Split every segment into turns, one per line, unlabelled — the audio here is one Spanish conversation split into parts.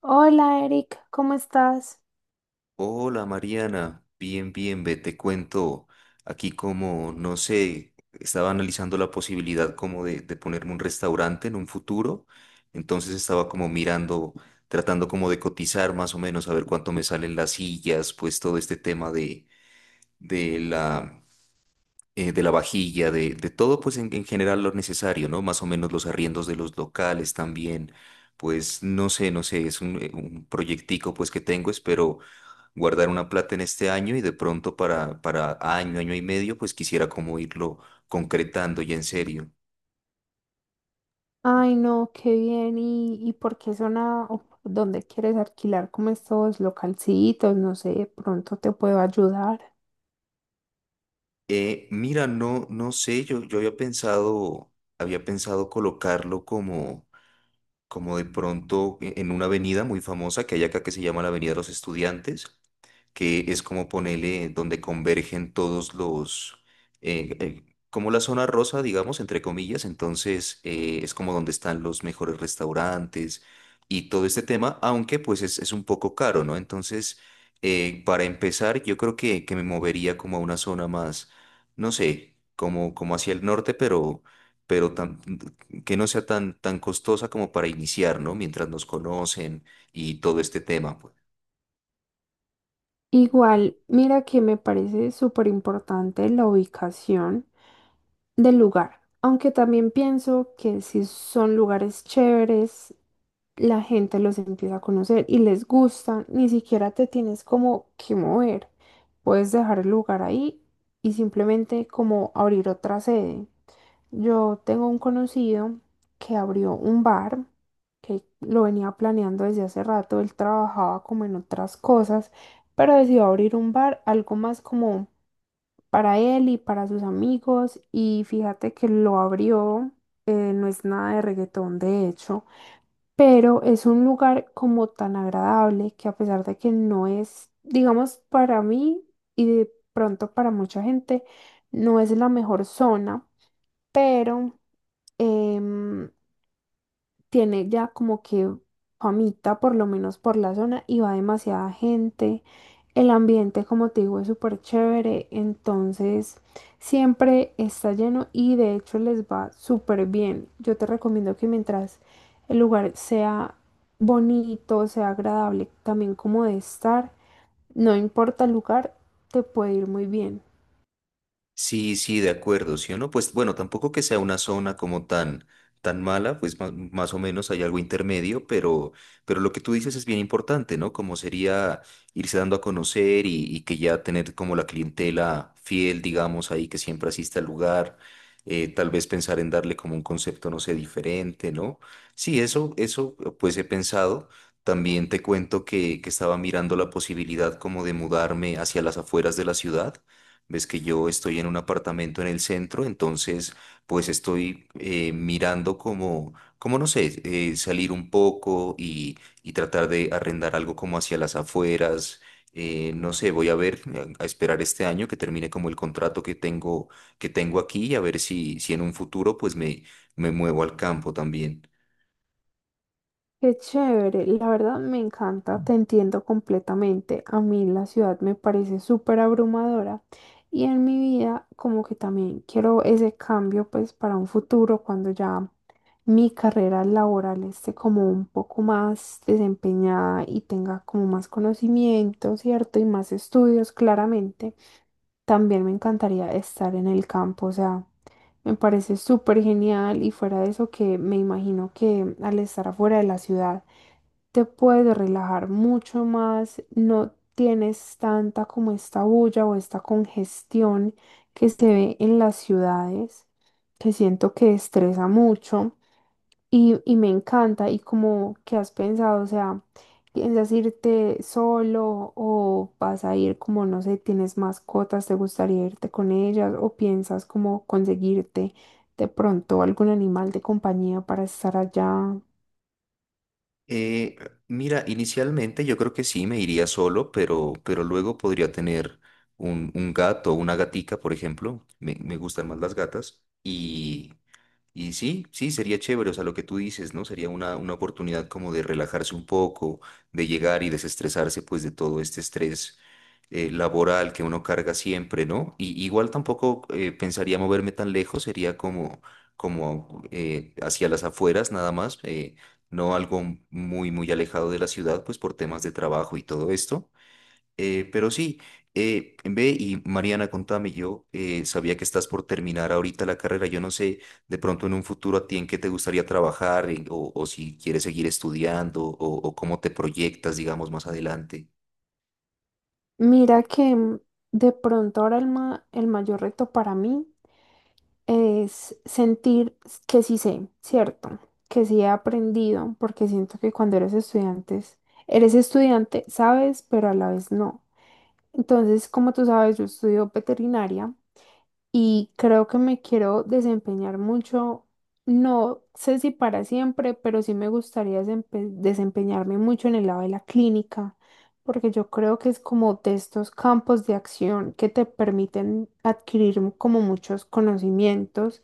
Hola Eric, ¿cómo estás?
Hola Mariana, bien, bien, ve, te cuento aquí como, no sé, estaba analizando la posibilidad como de ponerme un restaurante en un futuro, entonces estaba como mirando, tratando como de cotizar más o menos, a ver cuánto me salen las sillas, pues todo este tema de la, de la vajilla, de todo pues en general lo necesario, ¿no? Más o menos los arriendos de los locales también, pues no sé, no sé, es un proyectico pues que tengo, espero guardar una plata en este año y de pronto para año, año y medio, pues quisiera como irlo concretando y en serio.
Ay, no, qué bien. ¿Y, por qué zona o por dónde quieres alquilar como estos localcitos? No sé, de pronto te puedo ayudar.
Mira, no, no sé, yo había pensado colocarlo como, como de pronto en una avenida muy famosa que hay acá que se llama la Avenida de los Estudiantes, que es como ponerle donde convergen todos los, eh, eh, como la zona rosa, digamos, entre comillas, entonces es como donde están los mejores restaurantes y todo este tema, aunque pues es un poco caro, ¿no? Entonces, para empezar, yo creo que me movería como a una zona más, no sé, como, como hacia el norte, pero pero tan- que no sea tan, tan costosa como para iniciar, ¿no? Mientras nos conocen y todo este tema, pues.
Igual, mira que me parece súper importante la ubicación del lugar, aunque también pienso que si son lugares chéveres, la gente los empieza a conocer y les gusta, ni siquiera te tienes como que mover. Puedes dejar el lugar ahí y simplemente como abrir otra sede. Yo tengo un conocido que abrió un bar que lo venía planeando desde hace rato, él trabajaba como en otras cosas, pero decidió abrir un bar, algo más como para él y para sus amigos y fíjate que lo abrió, no es nada de reggaetón de hecho pero es un lugar como tan agradable que a pesar de que no es, digamos, para mí y de pronto para mucha gente, no es la mejor zona, pero em, tiene ya como que famita, por lo menos por la zona, y va demasiada gente. El ambiente, como te digo, es súper chévere, entonces siempre está lleno y de hecho les va súper bien. Yo te recomiendo que mientras el lugar sea bonito, sea agradable, también como de estar, no importa el lugar, te puede ir muy bien.
Sí, sí, de acuerdo, ¿sí o no? Pues bueno, tampoco que sea una zona como tan, tan mala, pues más o menos hay algo intermedio, pero lo que tú dices es bien importante, ¿no? Como sería irse dando a conocer y que ya tener como la clientela fiel, digamos, ahí que siempre asiste al lugar. Tal vez pensar en darle como un concepto, no sé, diferente, ¿no? Sí, eso pues he pensado. También te cuento que estaba mirando la posibilidad como de mudarme hacia las afueras de la ciudad. Ves que yo estoy en un apartamento en el centro, entonces pues estoy mirando como, como no sé, salir un poco y tratar de arrendar algo como hacia las afueras. No sé, voy a ver, a esperar este año que termine como el contrato que tengo aquí y a ver si, si en un futuro me muevo al campo también.
Qué chévere, la verdad me encanta, te entiendo completamente. A mí la ciudad me parece súper abrumadora y en mi vida como que también quiero ese cambio pues para un futuro cuando ya mi carrera laboral esté como un poco más desempeñada y tenga como más conocimiento, ¿cierto? Y más estudios, claramente. También me encantaría estar en el campo, o sea, me parece súper genial y fuera de eso que me imagino que al estar afuera de la ciudad, te puedes relajar mucho más, no tienes tanta como esta bulla o esta congestión que se ve en las ciudades, que siento que estresa mucho y me encanta y como que has pensado, o sea, ¿piensas irte solo o vas a ir como, no sé, tienes mascotas, te gustaría irte con ellas o piensas como conseguirte de pronto algún animal de compañía para estar allá?
Eh, Mira, inicialmente yo creo que sí me iría solo, pero luego podría tener un gato o una gatica, por ejemplo. Me gustan más las gatas. Y sí, sí, sería chévere, o sea, lo que tú dices, ¿no? Sería una oportunidad como de relajarse un poco, de llegar y desestresarse pues de todo este estrés laboral que uno carga siempre, ¿no? Y igual tampoco pensaría moverme tan lejos, sería como, como hacia las afueras nada más, no algo muy, muy alejado de la ciudad, pues por temas de trabajo y todo esto. Pero sí, ve y Mariana, contame, yo sabía que estás por terminar ahorita la carrera. Yo no sé de pronto en un futuro a ti en qué te gustaría trabajar o si quieres seguir estudiando o cómo te proyectas, digamos, más adelante.
Mira que mm, de pronto ahora el mayor reto para mí es sentir que sí sé, ¿cierto? Que sí he aprendido, porque siento que cuando eres estudiante, sabes, pero a la vez no. Entonces, como tú sabes, yo estudio veterinaria y creo que me quiero desempeñar mucho, no sé si para siempre, pero sí me gustaría desempeñarme mucho en el lado de la clínica, porque yo creo que es como de estos campos de acción que te permiten adquirir como muchos conocimientos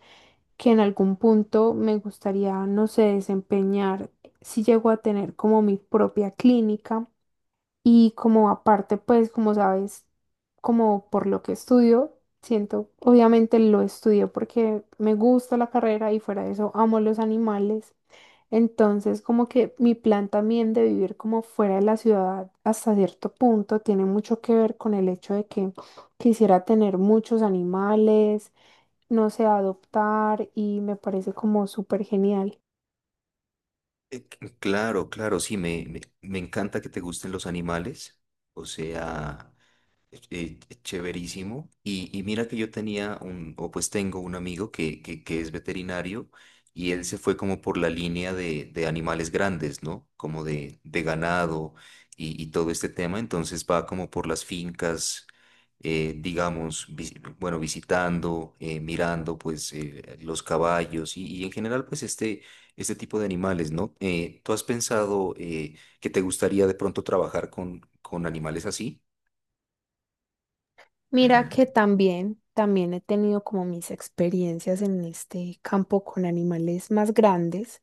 que en algún punto me gustaría, no sé, desempeñar si llego a tener como mi propia clínica. Y como aparte, pues como sabes, como por lo que estudio, siento, obviamente lo estudio porque me gusta la carrera y fuera de eso amo los animales. Entonces, como que mi plan también de vivir como fuera de la ciudad hasta cierto punto tiene mucho que ver con el hecho de que quisiera tener muchos animales, no sé, adoptar y me parece como súper genial.
Claro, claro, sí, me encanta que te gusten los animales. O sea, chéverísimo. Y mira que yo tenía un, o pues tengo un amigo que es veterinario y él se fue como por la línea de animales grandes, ¿no? Como de ganado y todo este tema. Entonces va como por las fincas, digamos, bueno, visitando, mirando pues los caballos y en general pues este tipo de animales, ¿no? ¿Tú has pensado que te gustaría de pronto trabajar con animales así?
Mira que también, también he tenido como mis experiencias en este campo con animales más grandes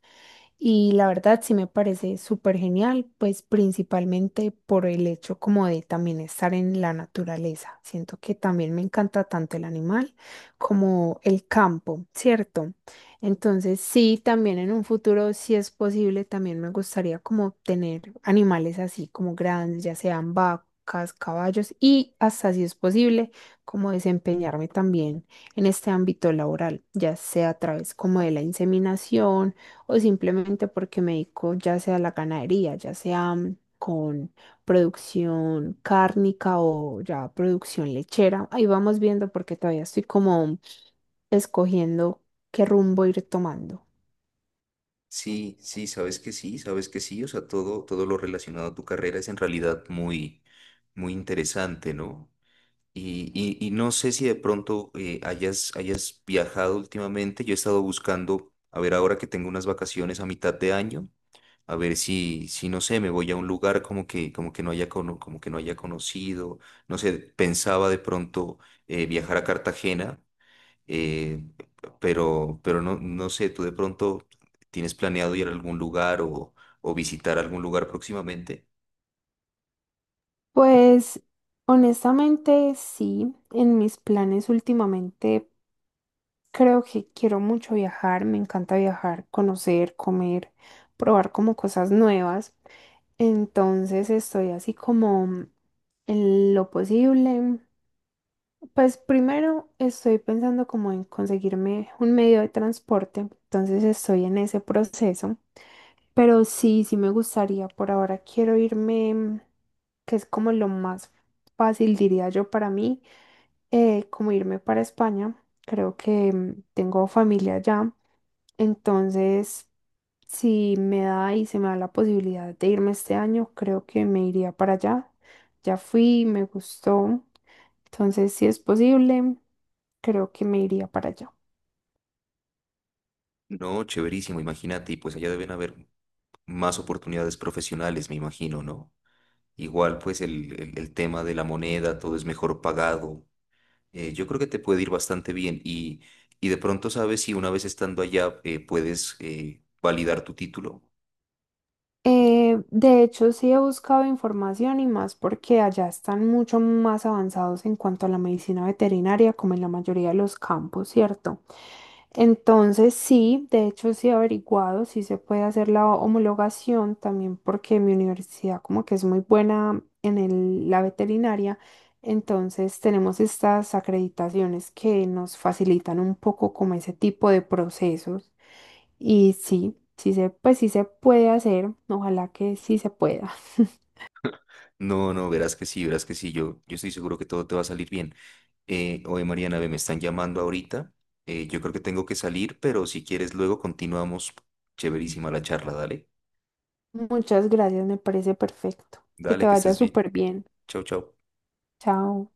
y la verdad sí me parece súper genial, pues principalmente por el hecho como de también estar en la naturaleza. Siento que también me encanta tanto el animal como el campo, ¿cierto? Entonces, sí, también en un futuro, si es posible, también me gustaría como tener animales así como grandes, ya sean vacas, caballos y hasta si es posible, como desempeñarme también en este ámbito laboral, ya sea a través como de la inseminación o simplemente porque me dedico ya sea a la ganadería, ya sea mm, con producción cárnica o ya producción lechera. Ahí vamos viendo porque todavía estoy como escogiendo ¿qué rumbo ir tomando?
Sí, sí, sabes que sí, sabes que sí, o sea, todo, todo lo relacionado a tu carrera es en realidad muy, muy interesante, ¿no? Y no sé si de pronto hayas, hayas viajado últimamente. Yo he estado buscando, a ver, ahora que tengo unas vacaciones a mitad de año, a ver si, si no sé, me voy a un lugar como que no haya, como que no haya conocido, no sé, pensaba de pronto viajar a Cartagena, eh, pero no, no sé, tú de pronto tienes planeado ir a algún lugar o visitar algún lugar próximamente.
Pues honestamente sí, en mis planes últimamente creo que quiero mucho viajar, me encanta viajar, conocer, comer, probar como cosas nuevas. Entonces estoy así como en lo posible. Pues primero estoy pensando como en conseguirme un medio de transporte, entonces estoy en ese proceso. Pero sí, sí me gustaría. Por ahora quiero irme, mm, que es como lo más fácil, diría yo, para mí, como irme para España. Creo que mm, tengo familia allá. Entonces, si me da y se me da la posibilidad de irme este año, creo que me iría para allá. Ya fui, me gustó. Entonces, si es posible, creo que me iría para allá.
No, chéverísimo, imagínate, y pues allá deben haber más oportunidades profesionales, me imagino, ¿no? Igual pues el tema de la moneda, todo es mejor pagado. Yo creo que te puede ir bastante bien y de pronto sabes si una vez estando allá puedes validar tu título.
De hecho, sí he buscado información y más porque allá están mucho más avanzados en cuanto a la medicina veterinaria, como en la mayoría de los campos, ¿cierto? Entonces sí, de hecho sí he averiguado si se puede hacer la homologación también porque mi universidad como que es muy buena en la veterinaria, entonces tenemos estas acreditaciones que nos facilitan un poco como ese tipo de procesos y pues sí se puede hacer, ojalá que sí se pueda.
No, no, verás que sí, yo estoy seguro que todo te va a salir bien. Oye, Mariana, ve, me están llamando ahorita. Yo creo que tengo que salir, pero si quieres luego continuamos. Chéverísima la charla, dale.
Muchas gracias, me parece perfecto. Que te
Dale, que
vaya
estés bien.
súper bien.
Chau, chau.
Chao.